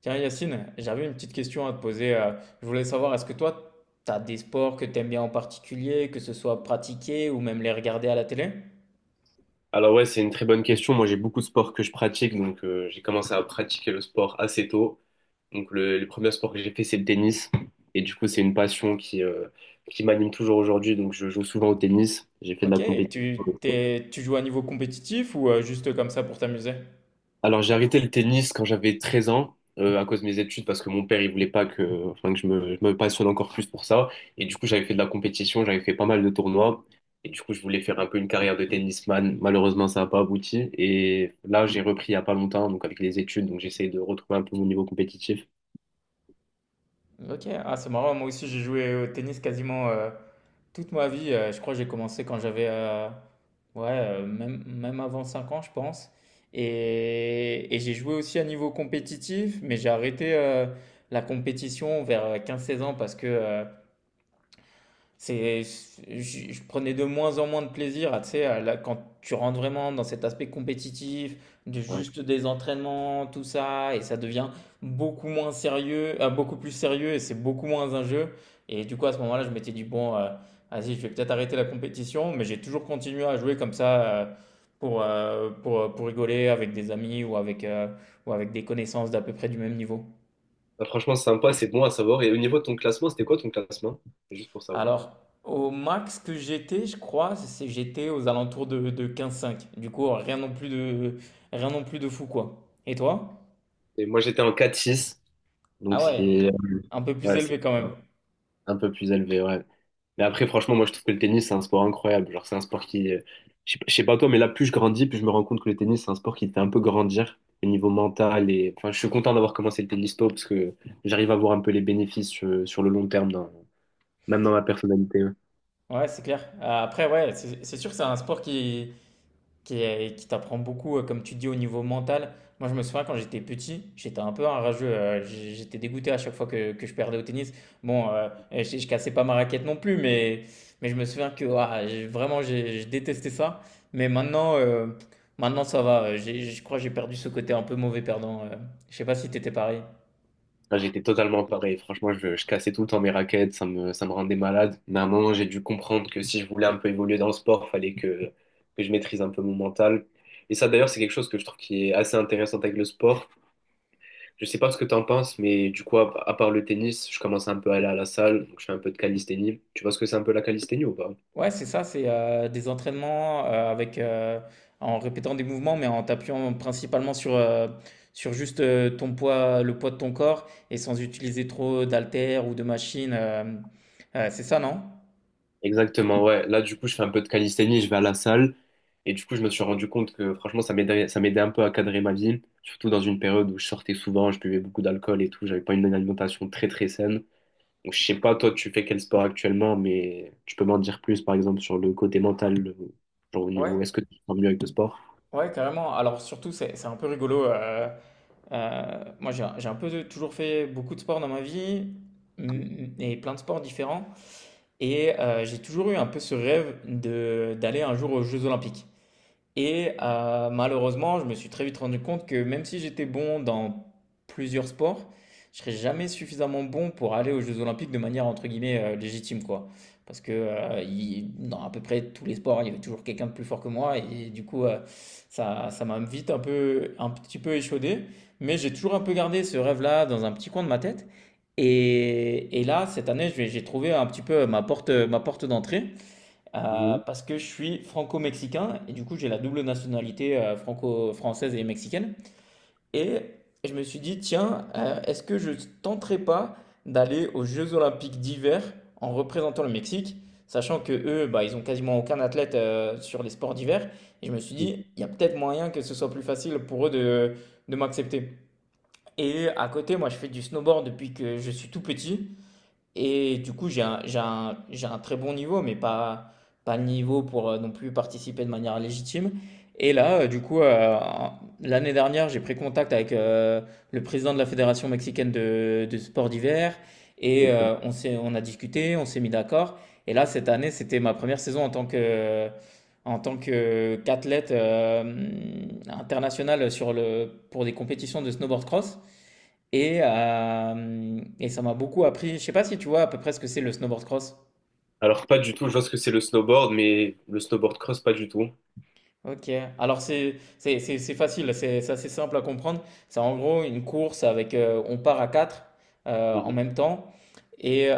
Tiens, Yacine, j'avais une petite question à te poser. Je voulais savoir, est-ce que toi, tu as des sports que tu aimes bien en particulier, que ce soit pratiquer ou même les regarder à la télé? Alors ouais, c'est une très bonne question. Moi, j'ai beaucoup de sports que je pratique, donc j'ai commencé à pratiquer le sport assez tôt. Donc le premier sport que j'ai fait, c'est le tennis. Et du coup, c'est une passion qui m'anime toujours aujourd'hui. Donc je joue souvent au tennis. J'ai fait de la Ok, compétition. Tu joues à niveau compétitif ou juste comme ça pour t'amuser? Alors j'ai arrêté le tennis quand j'avais 13 ans à cause de mes études parce que mon père il voulait pas que, enfin, que je me passionne encore plus pour ça, et du coup j'avais fait de la compétition, j'avais fait pas mal de tournois et du coup je voulais faire un peu une carrière de tennisman. Malheureusement ça n'a pas abouti et là j'ai repris il y a pas longtemps donc avec les études, donc j'essaie de retrouver un peu mon niveau compétitif. Ok, ah, c'est marrant, moi aussi j'ai joué au tennis quasiment toute ma vie. Je crois que j'ai commencé quand j'avais Ouais, même avant 5 ans, je pense. Et j'ai joué aussi à niveau compétitif, mais j'ai arrêté la compétition vers quinze seize ans parce que Je prenais de moins en moins de plaisir à, tu sais, à quand tu rentres vraiment dans cet aspect compétitif, de Ouais. juste des entraînements, tout ça, et ça devient beaucoup plus sérieux, et c'est beaucoup moins un jeu. Et du coup, à ce moment-là, je m'étais dit, bon, vas-y, je vais peut-être arrêter la compétition, mais j'ai toujours continué à jouer comme ça, pour rigoler avec des amis ou ou avec des connaissances d'à peu près du même niveau. Bah, franchement c'est sympa, c'est bon à savoir, et au niveau de ton classement, c'était quoi ton classement? Juste pour savoir. Alors, au max que j'étais, je crois, c'est j'étais aux alentours de quinze cinq. Du coup, rien non plus de fou, quoi. Et toi? Et moi, j'étais en 4 six, donc Ah ce ouais, qui est, un peu plus ouais, c'est élevé quand même. un peu plus élevé, ouais. Mais après, franchement, moi, je trouve que le tennis, c'est un sport incroyable. Genre, c'est un sport qui, je sais pas toi, mais là, plus je grandis, plus je me rends compte que le tennis, c'est un sport qui te fait un peu grandir au niveau mental. Et enfin, je suis content d'avoir commencé le tennis tôt parce que j'arrive à voir un peu les bénéfices sur le long terme, même dans ma personnalité. Ouais. Ouais, c'est clair. Après, ouais, c'est sûr que c'est un sport qui t'apprend beaucoup, comme tu dis, au niveau mental. Moi, je me souviens quand j'étais petit, j'étais un peu un rageux. J'étais dégoûté à chaque fois que je perdais au tennis. Bon, je cassais pas ma raquette non plus, mais je me souviens que ouah, vraiment, je détestais ça. Mais maintenant ça va. Je crois que j'ai perdu ce côté un peu mauvais perdant. Je sais pas si t'étais pareil. Là, j'étais totalement pareil. Franchement, je cassais tout le temps mes raquettes, ça me rendait malade. Mais à un moment, j'ai dû comprendre que si je voulais un peu évoluer dans le sport, que je maîtrise un peu mon mental. Et ça, d'ailleurs, c'est quelque chose que je trouve qui est assez intéressant avec le sport. Je sais pas ce que t'en penses, mais du coup, à part le tennis, je commence un peu à aller à la salle. Donc, je fais un peu de calisthénie. Tu vois ce que c'est un peu la calisthénie ou pas? Ouais, c'est ça, des entraînements, en répétant des mouvements, mais en t'appuyant principalement sur juste, ton poids, le poids de ton corps et sans utiliser trop d'haltères ou de machines, c'est ça, non? Exactement, ouais. Là, du coup, je fais un peu de calisthénie, je vais à la salle. Et du coup, je me suis rendu compte que franchement, ça m'aidait un peu à cadrer ma vie. Surtout dans une période où je sortais souvent, je buvais beaucoup d'alcool et tout. J'avais pas une alimentation très, très saine. Donc, je sais pas, toi, tu fais quel sport actuellement, mais tu peux m'en dire plus, par exemple, sur le côté mental, genre au Ouais, niveau, est-ce que tu te sens mieux avec le sport? ouais, carrément. Alors surtout, c'est un peu rigolo, heu, moi, j'ai un peu de toujours fait beaucoup de sport dans ma vie, mmh, et plein de sports différents et j'ai toujours eu un peu ce rêve de d'aller un jour aux jeux olympiques. Et malheureusement, je me suis très vite rendu compte que même si j'étais bon dans plusieurs sports, je serais jamais suffisamment bon pour aller aux Jeux Olympiques de manière entre guillemets légitime, quoi. Parce que dans à peu près tous les sports, il y avait toujours quelqu'un de plus fort que moi, et du coup, ça m'a vite un petit peu échaudé. Mais j'ai toujours un peu gardé ce rêve-là dans un petit coin de ma tête. Et là, cette année, j'ai trouvé un petit peu ma porte d'entrée. Euh, Mhm. parce que je suis franco-mexicain et du coup j'ai la double nationalité franco-française et mexicaine. Et je me suis dit, tiens, est-ce que je tenterais pas d'aller aux Jeux Olympiques d'hiver en représentant le Mexique, sachant que eux, bah, ils ont quasiment aucun athlète sur les sports d'hiver. Et je me suis dit, il y a peut-être moyen que ce soit plus facile pour eux de m'accepter. Et à côté, moi je fais du snowboard depuis que je suis tout petit. Et du coup, j'ai un très bon niveau, pas le niveau pour non plus participer de manière légitime. Et là, du coup, l'année dernière, j'ai pris contact avec le président de la Fédération mexicaine de sport d'hiver. Et Ok. euh, on a discuté, on s'est mis d'accord. Et là, cette année, c'était ma première saison en tant qu'athlète international pour des compétitions de snowboard cross. Et ça m'a beaucoup appris. Je sais pas si tu vois à peu près ce que c'est le snowboard cross. Alors, pas du tout, je vois ce que c'est le snowboard, mais le snowboard cross, pas du tout. OK. Alors c'est facile, c'est assez simple à comprendre. C'est en gros une course avec on part à quatre en même temps et heu,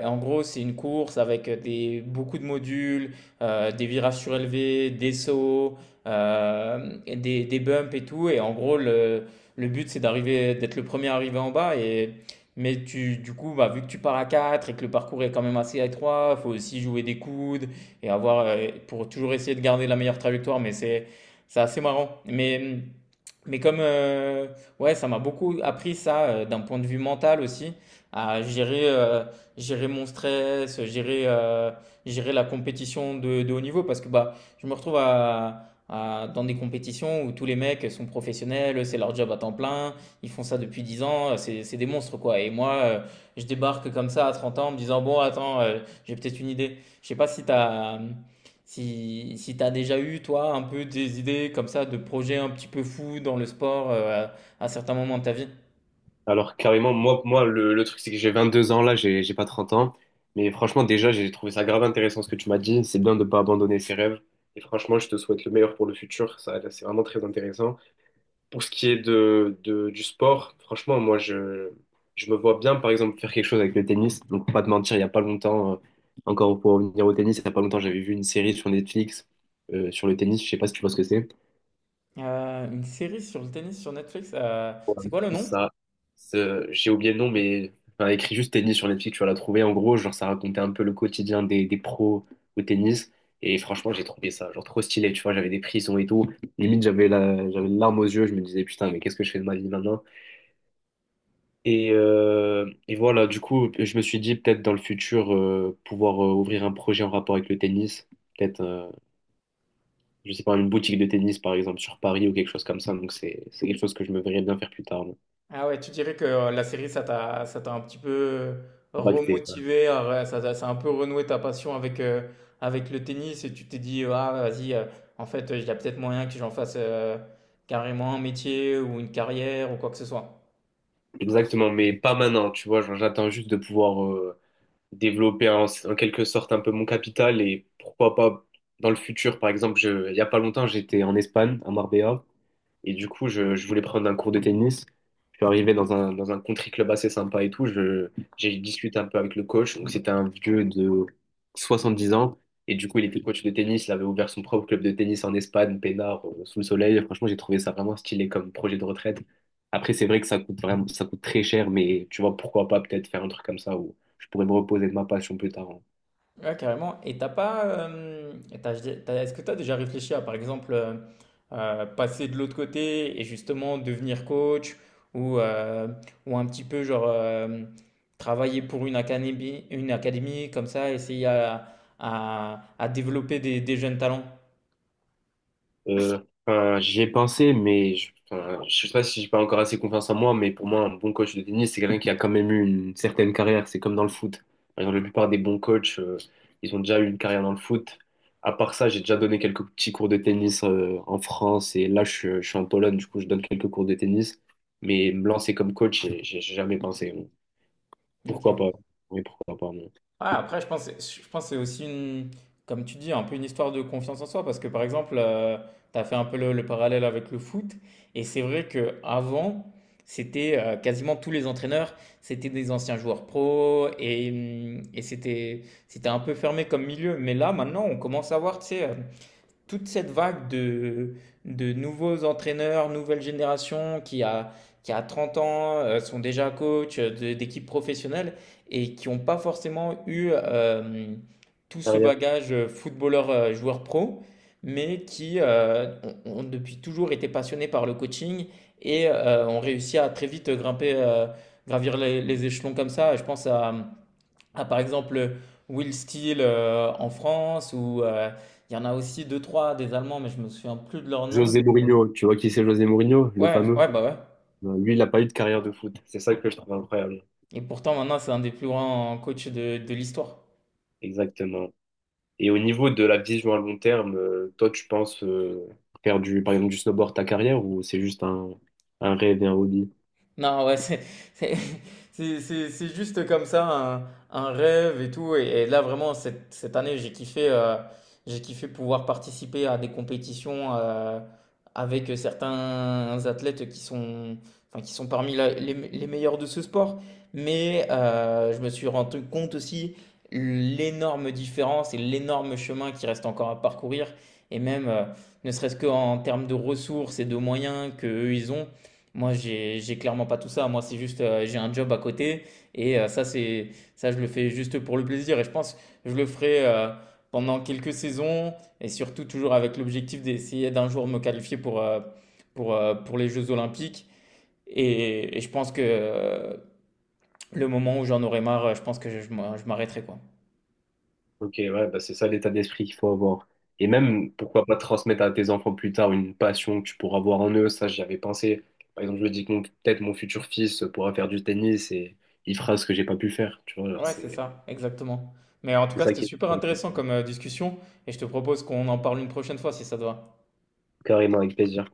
et en gros, c'est une course avec des beaucoup de modules, des virages surélevés, des sauts, et des bumps et tout et en gros le but c'est d'être le premier arrivé en bas et mais tu du coup, bah, vu que tu pars à 4 et que le parcours est quand même assez étroit, il faut aussi jouer des coudes, et avoir pour toujours essayer de garder la meilleure trajectoire. Mais c'est assez marrant. Mais comme ouais, ça m'a beaucoup appris ça d'un point de vue mental aussi, à gérer mon stress, gérer la compétition de haut niveau, parce que bah, je me retrouve dans des compétitions où tous les mecs sont professionnels, c'est leur job à temps plein, ils font ça depuis 10 ans, c'est des monstres quoi. Et moi, je débarque comme ça à 30 ans en me disant, bon, attends, j'ai peut-être une idée. Je sais pas si t'as déjà eu, toi, un peu des idées comme ça de projets un petit peu fous dans le sport à certains moments de ta vie. Alors carrément, le truc c'est que j'ai 22 ans là, j'ai pas 30 ans. Mais franchement déjà j'ai trouvé ça grave intéressant ce que tu m'as dit. C'est bien de pas abandonner ses rêves. Et franchement je te souhaite le meilleur pour le futur. Ça c'est vraiment très intéressant. Pour ce qui est du sport, franchement je me vois bien par exemple faire quelque chose avec le tennis. Donc pour pas te mentir, il y a pas longtemps, encore pour revenir au tennis, il y a pas longtemps j'avais vu une série sur Netflix sur le tennis. Je sais pas si tu vois ce que c'est. Une série sur le tennis sur Netflix, c'est quoi le nom? Ça, j'ai oublié le nom, mais enfin, écrit juste tennis sur Netflix, tu vas la trouver. En gros, genre, ça racontait un peu le quotidien des pros au tennis. Et franchement, j'ai trouvé ça, genre, trop stylé, tu vois. J'avais des prisons et tout. Limite, j'avais une larme aux yeux. Je me disais, putain, mais qu'est-ce que je fais de ma vie maintenant? Et voilà, du coup, je me suis dit, peut-être dans le futur, pouvoir ouvrir un projet en rapport avec le tennis. Peut-être, je sais pas, une boutique de tennis, par exemple, sur Paris ou quelque chose comme ça. Donc, c'est quelque chose que je me verrais bien faire plus tard. Là. Ah ouais, tu dirais que la série, ça t'a un petit peu Bac. remotivé, ouais, ça a un peu renoué ta passion avec le tennis et tu t'es dit, ah vas-y, en fait, il y a peut-être moyen que j'en fasse carrément un métier ou une carrière ou quoi que ce soit. Exactement, mais pas maintenant, tu vois, genre, j'attends juste de pouvoir développer en quelque sorte un peu mon capital, et pourquoi pas dans le futur, par exemple, il y a pas longtemps, j'étais en Espagne, à Marbella, et du coup, je voulais prendre un cours de tennis. Je suis arrivé dans un country club assez sympa et tout. J'ai discuté un peu avec le coach. Donc, c'était un vieux de 70 ans. Et du coup, il était coach de tennis. Il avait ouvert son propre club de tennis en Espagne, peinard, sous le soleil. Franchement, j'ai trouvé ça vraiment stylé comme projet de retraite. Après, c'est vrai que ça coûte très cher, mais tu vois, pourquoi pas peut-être faire un truc comme ça où je pourrais me reposer de ma passion plus tard, hein. Ouais, carrément. Et t'as pas, et t'as- t'as- Est-ce que tu as déjà réfléchi par exemple, passer de l'autre côté et justement devenir coach ou, euh, ou un petit peu travailler pour une académie, comme ça, essayer à développer des jeunes talents? Euh, enfin, j'y ai pensé, mais je, enfin, je sais pas si j'ai pas encore assez confiance en moi, mais pour moi, un bon coach de tennis, c'est quelqu'un qui a quand même eu une certaine carrière. C'est comme dans le foot. Par exemple, la plupart des bons coachs, ils ont déjà eu une carrière dans le foot. À part ça, j'ai déjà donné quelques petits cours de tennis, en France, et là, je suis en Pologne, du coup, je donne quelques cours de tennis. Mais me lancer comme coach, j'ai jamais pensé. Pourquoi pas? Ok. Mais pourquoi pas, non. Ouais, après, je pense que c'est aussi comme tu dis, un peu une histoire de confiance en soi, parce que par exemple, tu as fait un peu le parallèle avec le foot, et c'est vrai que avant, c'était quasiment tous les entraîneurs, c'était des anciens joueurs pro, et c'était un peu fermé comme milieu. Mais là, maintenant, on commence à voir, tu sais, toute cette vague de nouveaux entraîneurs, nouvelle génération qui a 30 ans, sont déjà coach d'équipes professionnelles et qui n'ont pas forcément eu tout ce Carrière. bagage footballeur, joueur pro, mais qui ont depuis toujours été passionnés par le coaching et ont réussi à très vite gravir les échelons comme ça. Je pense à, par exemple Will Steel en France ou il y en a aussi deux trois des Allemands mais je me souviens plus de leur nom. José Mourinho, tu vois qui c'est José Mourinho, le Ouais, fameux? ouais bah ouais. Ben, lui, il n'a pas eu de carrière de foot. C'est ça que je trouve incroyable. Et pourtant maintenant c'est un des plus grands coachs de l'histoire. Exactement. Et au niveau de la vision à long terme, toi, tu penses faire du, par exemple, du snowboard ta carrière, ou c'est juste un rêve et un hobby? Non, ouais, c'est- c'est juste comme ça, un rêve et tout. Et là, vraiment, cette année, j'ai kiffé pouvoir participer à des compétitions avec certains athlètes enfin, qui sont parmi les meilleurs de ce sport. Mais je me suis rendu compte aussi l'énorme différence et l'énorme chemin qui reste encore à parcourir. Et même, ne serait-ce qu'en termes de ressources et de moyens qu'eux, ils ont. Moi, j'ai clairement pas tout ça. Moi, j'ai un job à côté et ça, je le fais juste pour le plaisir. Et je pense que je le ferai pendant quelques saisons et surtout toujours avec l'objectif d'essayer d'un jour me qualifier pour les Jeux Olympiques. Et je pense que le moment où j'en aurai marre, je pense que je m'arrêterai, quoi. Ok, ouais, bah c'est ça l'état d'esprit qu'il faut avoir. Et Ouais. même, pourquoi pas transmettre à tes enfants plus tard une passion que tu pourras voir en eux. Ça, j'y avais pensé. Par exemple, je me dis que peut-être mon futur fils pourra faire du tennis et il fera ce que j'ai pas pu faire. Tu vois, genre, Ouais, c'est ça, exactement. Mais en tout c'est cas, ça c'était qui est super intéressant comme discussion et je te propose qu'on en parle une prochaine fois si ça te va. carrément avec plaisir.